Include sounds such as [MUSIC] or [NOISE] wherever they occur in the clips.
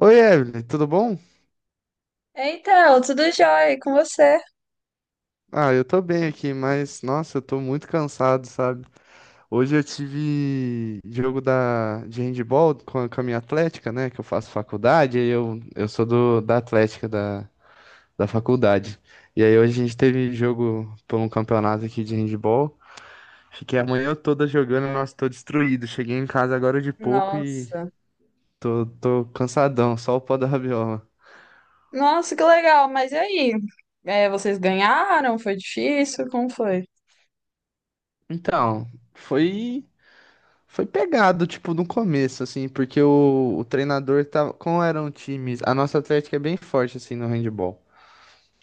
Oi, Evelyn, tudo bom? Então, tudo jóia e com você? Ah, eu tô bem aqui, mas nossa, eu tô muito cansado, sabe? Hoje eu tive jogo de handball com a minha atlética, né? Que eu faço faculdade, aí eu sou da atlética da faculdade. E aí hoje a gente teve jogo por um campeonato aqui de handball. Fiquei a manhã toda jogando, nossa, tô destruído. Cheguei em casa agora de pouco e Nossa. tô cansadão, só o pó da rabiola. Nossa, que legal, mas e aí? É, vocês ganharam? Foi difícil? Como foi? Então, foi. Foi pegado, tipo, no começo, assim, porque o treinador tava. Como eram times. A nossa Atlética é bem forte, assim, no handball.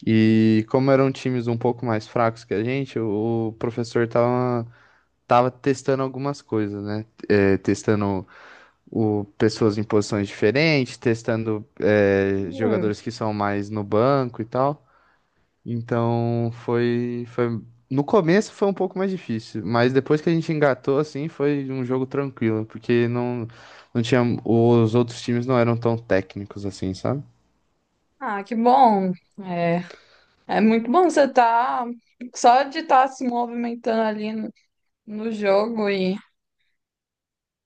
E como eram times um pouco mais fracos que a gente, professor tava testando algumas coisas, né? É, testando pessoas em posições diferentes, testando Hum. jogadores que são mais no banco e tal. Então foi. No começo foi um pouco mais difícil, mas depois que a gente engatou, assim, foi um jogo tranquilo, porque não tinha. Os outros times não eram tão técnicos assim, sabe? Ah, que bom. É, é muito bom você estar só de estar se movimentando ali no jogo e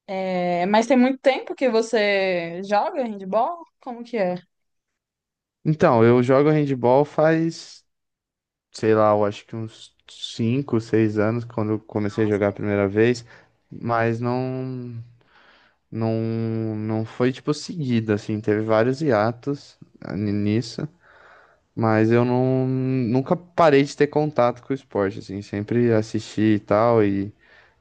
mas tem muito tempo que você joga handball? Como que é? Então, eu jogo handball faz, sei lá, eu acho que uns 5 6 anos, quando eu comecei a Nossa, jogar a bastante primeira tempo. vez, mas não foi, tipo, seguido, assim, teve vários hiatos nisso. Mas eu não, nunca parei de ter contato com o esporte, assim, sempre assisti e tal, e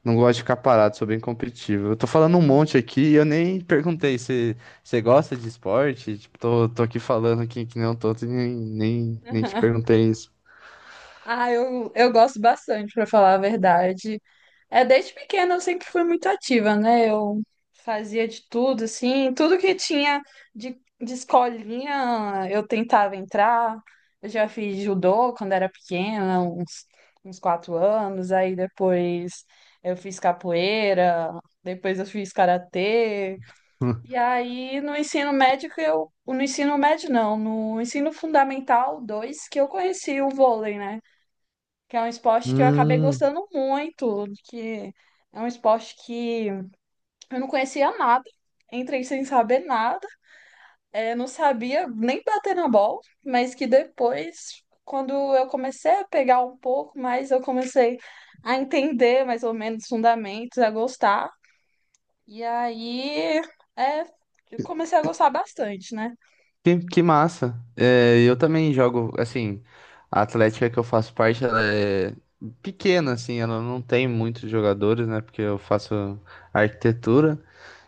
não gosto de ficar parado, sou bem competitivo. Eu tô falando um monte aqui e eu nem perguntei se você gosta de esporte, tipo, tô aqui falando aqui que nem um tonto e nem te [LAUGHS] perguntei isso. Ah, eu gosto bastante, pra falar a verdade. É, desde pequena eu sempre fui muito ativa, né? Eu fazia de tudo, assim, tudo que tinha de escolinha eu tentava entrar. Eu já fiz judô quando era pequena, uns 4 anos. Aí depois eu fiz capoeira, depois eu fiz karatê. E [LAUGHS] aí no ensino médio que eu, no ensino médio não, no ensino fundamental 2 que eu conheci o vôlei, né? Que é um esporte que eu acabei Hum, gostando muito, que é um esporte que eu não conhecia nada, entrei sem saber nada, não sabia nem bater na bola, mas que depois, quando eu comecei a pegar um pouco mais, eu comecei a entender mais ou menos os fundamentos, a gostar, e aí é, eu comecei a gostar bastante, né? que massa. É, eu também jogo, assim, a Atlética que eu faço parte, ela é pequena, assim, ela não tem muitos jogadores, né, porque eu faço arquitetura.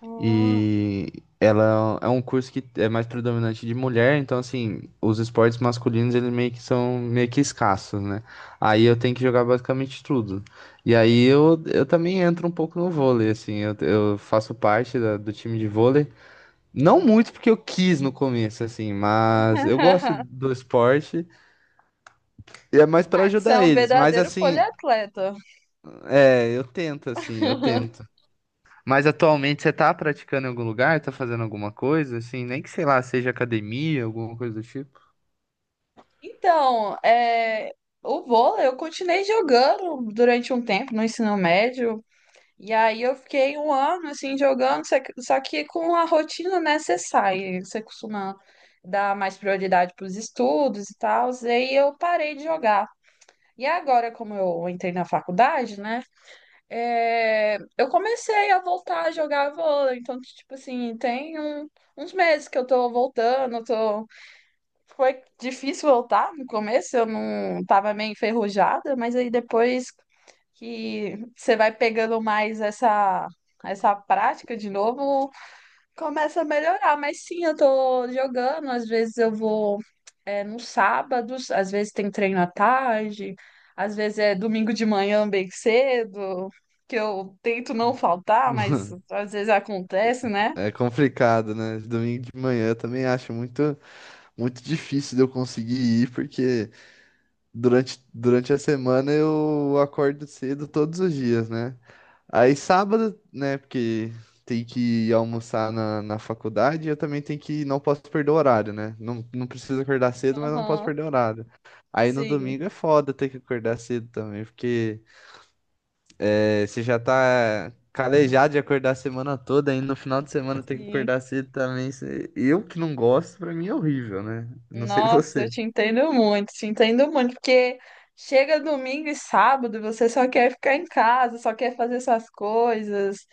Hum. E ela é um curso que é mais predominante de mulher, então assim, os esportes masculinos eles meio que são meio que escassos, né? Aí eu tenho que jogar basicamente tudo. E aí eu também entro um pouco no vôlei, assim, eu faço parte do time de vôlei. Não muito porque eu quis no começo, assim, mas eu gosto [LAUGHS] do esporte e é mais para Ah, você é ajudar um eles. Mas verdadeiro assim, poliatleta. Eu tento, assim, eu tento. Mas atualmente você tá praticando em algum lugar? Tá fazendo alguma coisa, assim? Nem que, sei lá, seja academia, alguma coisa do tipo. Então, é, o vôlei eu continuei jogando durante um tempo no ensino médio, e aí eu fiquei um ano assim jogando, só que com a rotina necessária. Você costuma dar mais prioridade para os estudos e tal, e aí eu parei de jogar. E agora, como eu entrei na faculdade, né? É, eu comecei a voltar a jogar vôlei. Então, tipo assim, uns meses que eu tô voltando, tô. Foi difícil voltar no começo, eu não tava meio enferrujada, mas aí depois que você vai pegando mais essa prática de novo, começa a melhorar. Mas sim, eu tô jogando, às vezes eu vou nos sábados, às vezes tem treino à tarde, às vezes é domingo de manhã bem cedo, que eu tento não faltar, mas [LAUGHS] às vezes acontece, né? É complicado, né? Domingo de manhã eu também acho muito, muito difícil de eu conseguir ir, porque durante a semana eu acordo cedo todos os dias, né? Aí sábado, né, porque tem que ir almoçar na faculdade, eu também não posso perder o horário, né? Não, não preciso acordar cedo, mas não posso Aham, perder o horário. Aí no sim, domingo é foda ter que acordar cedo também, porque você já tá calejado de acordar a semana toda, aí no final de semana tem que sim. acordar cedo também. Eu que não gosto, pra mim é horrível, né? Não sei Nossa, eu [LAUGHS] você. Te entendo muito, porque chega domingo e sábado, você só quer ficar em casa, só quer fazer suas coisas,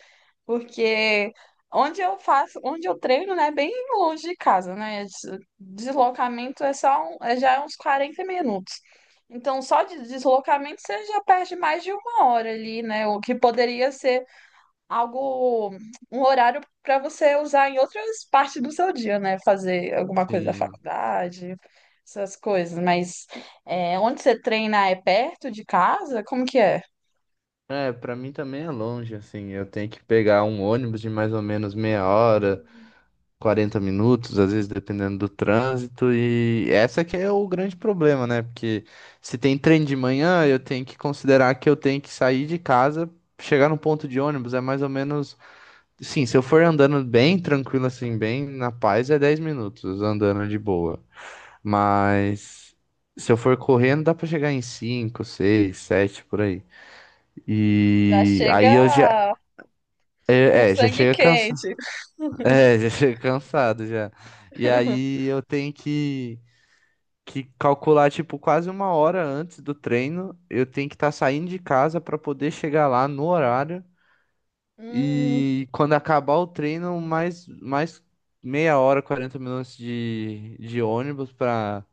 porque onde eu faço, onde eu treino, né, é bem longe de casa, né? Deslocamento é só já é uns 40 minutos. Então, só de deslocamento você já perde mais de uma hora ali, né? O que poderia ser algo, um horário para você usar em outras partes do seu dia, né? Fazer alguma coisa da Sim. faculdade, essas coisas. Mas é, onde você treina é perto de casa? Como que é? É, pra mim também é longe, assim. Eu tenho que pegar um ônibus de mais ou menos meia hora. 40 minutos, às vezes dependendo do trânsito, e essa que é o grande problema, né? Porque se tem trem de manhã, eu tenho que considerar que eu tenho que sair de casa, chegar no ponto de ônibus, é mais ou menos, sim, se eu for andando bem tranquilo assim, bem na paz, é 10 minutos andando de boa. Mas se eu for correndo, dá pra chegar em 5, 6, 7 por aí. Já E aí chega eu já com é, é, já sangue chega cansado. [LAUGHS] quente. É, já chego cansado já. E [LAUGHS] aí eu tenho que calcular, tipo, quase uma hora antes do treino. Eu tenho que estar saindo de casa para poder chegar lá no horário. Hum, E quando acabar o treino, mais meia hora, 40 minutos de ônibus para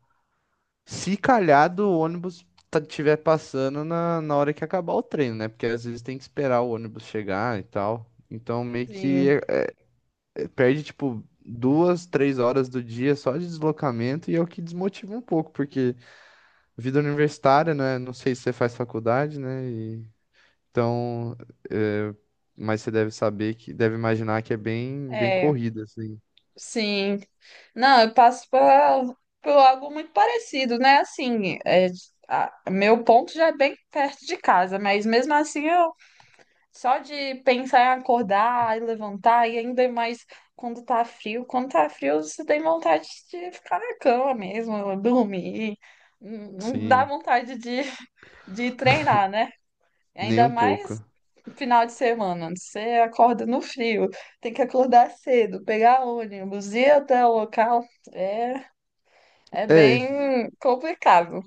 se calhar do ônibus tiver passando na hora que acabar o treino, né? Porque às vezes tem que esperar o ônibus chegar e tal. Então meio sim, que perde, tipo, duas, três horas do dia só de deslocamento e é o que desmotiva um pouco, porque vida universitária, né? Não sei se você faz faculdade, né? Então, é, mas você deve saber que, deve imaginar que é bem, bem é, corrida, assim. sim. Não, eu passo por algo muito parecido, né? Assim, é, meu ponto já é bem perto de casa, mas mesmo assim eu só de pensar em acordar e levantar, e ainda mais quando tá frio. Quando tá frio, você tem vontade de ficar na cama mesmo, [LAUGHS] dormir. Não dá Sim, vontade de treinar, né? nem Ainda um pouco. mais final de semana. Você acorda no frio, tem que acordar cedo, pegar ônibus, ir até o local. É, é é bem complicado.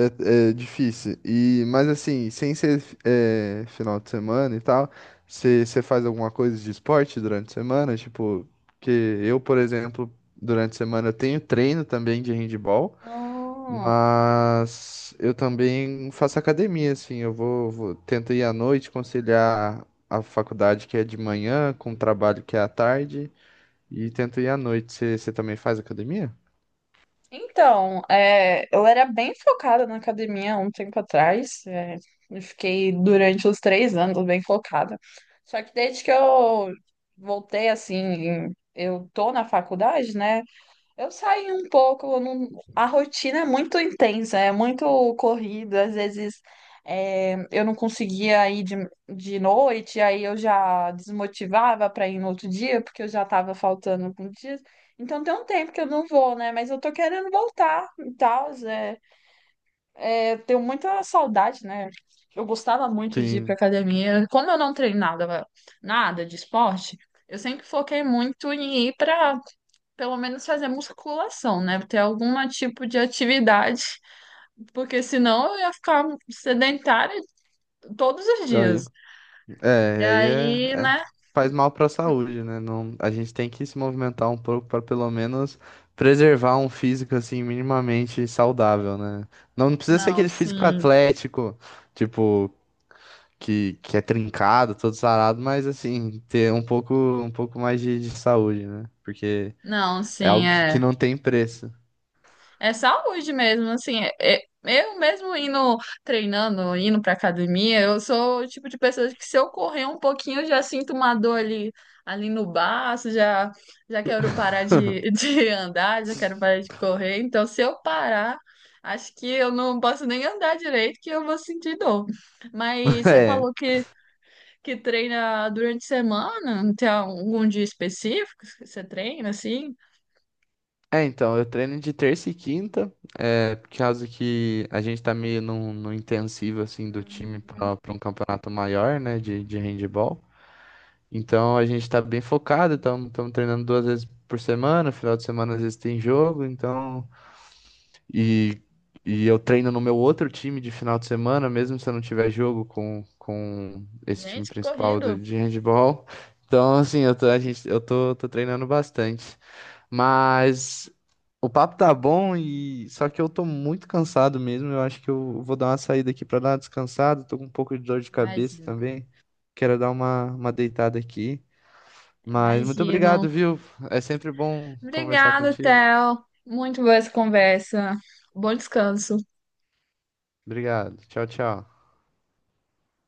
é difícil. E, mas assim, sem ser final de semana e tal, você faz alguma coisa de esporte durante a semana? Tipo, que eu, por exemplo, durante a semana eu tenho treino também de handball, Ah, mas eu também faço academia, assim, eu vou tento ir à noite, conciliar a faculdade que é de manhã com o trabalho que é à tarde, e tento ir à noite. Você também faz academia? então, é, eu era bem focada na academia há um tempo atrás. É, eu fiquei durante os 3 anos bem focada. Só que desde que eu voltei, assim, eu tô na faculdade, né? Eu saí um pouco, eu não- a rotina é muito intensa, é muito corrida, às vezes é, eu não conseguia ir de noite, aí eu já desmotivava para ir no outro dia, porque eu já estava faltando alguns dias. Então tem um tempo que eu não vou, né? Mas eu tô querendo voltar e tal. É, é, tenho muita saudade, né? Eu gostava muito de ir pra Sim. academia. Quando eu não treinava nada de esporte, eu sempre foquei muito em ir para pelo menos fazer musculação, né? Ter algum tipo de atividade, porque senão eu ia ficar sedentária todos os Tá aí. dias. É, E e aí aí, é- né? faz mal para a saúde, né? Não, a gente tem que se movimentar um pouco para pelo menos preservar um físico assim minimamente saudável, né? Não, não precisa ser Não, aquele físico sim. atlético, tipo, que é trincado, todo sarado, mas assim, ter um pouco mais de saúde, né? Porque Não, é sim, algo que é. não tem preço. É saúde mesmo, assim, eu mesmo indo treinando, indo pra academia, eu sou o tipo de pessoa que se eu correr um pouquinho, eu já sinto uma dor ali, ali no baço, já, já quero parar [LAUGHS] [LAUGHS] de andar, já quero parar de correr, então se eu parar, acho que eu não posso nem andar direito, que eu vou sentir dor. Mas você É. falou que treina durante a semana, não tem algum dia específico que você treina, assim? É, então, eu treino de terça e quinta, por causa que a gente tá meio num intensivo, assim, do time pra um campeonato maior, né, de handebol. Então, a gente tá bem focado, estamos treinando duas vezes por semana, final de semana às vezes tem jogo, então... E, e eu treino no meu outro time de final de semana, mesmo se eu não tiver jogo com esse time Gente, que principal corrido, de handebol. Então, assim, eu tô treinando bastante. Mas o papo tá bom e só que eu tô muito cansado mesmo. Eu acho que eu vou dar uma saída aqui pra dar uma descansada. Tô com um pouco de dor de cabeça imagina. também. Quero dar uma deitada aqui. Mas muito Imagino. obrigado, viu? É sempre bom conversar Obrigada, contigo. Theo. Muito boa essa conversa. Bom descanso. Obrigado. Tchau, tchau.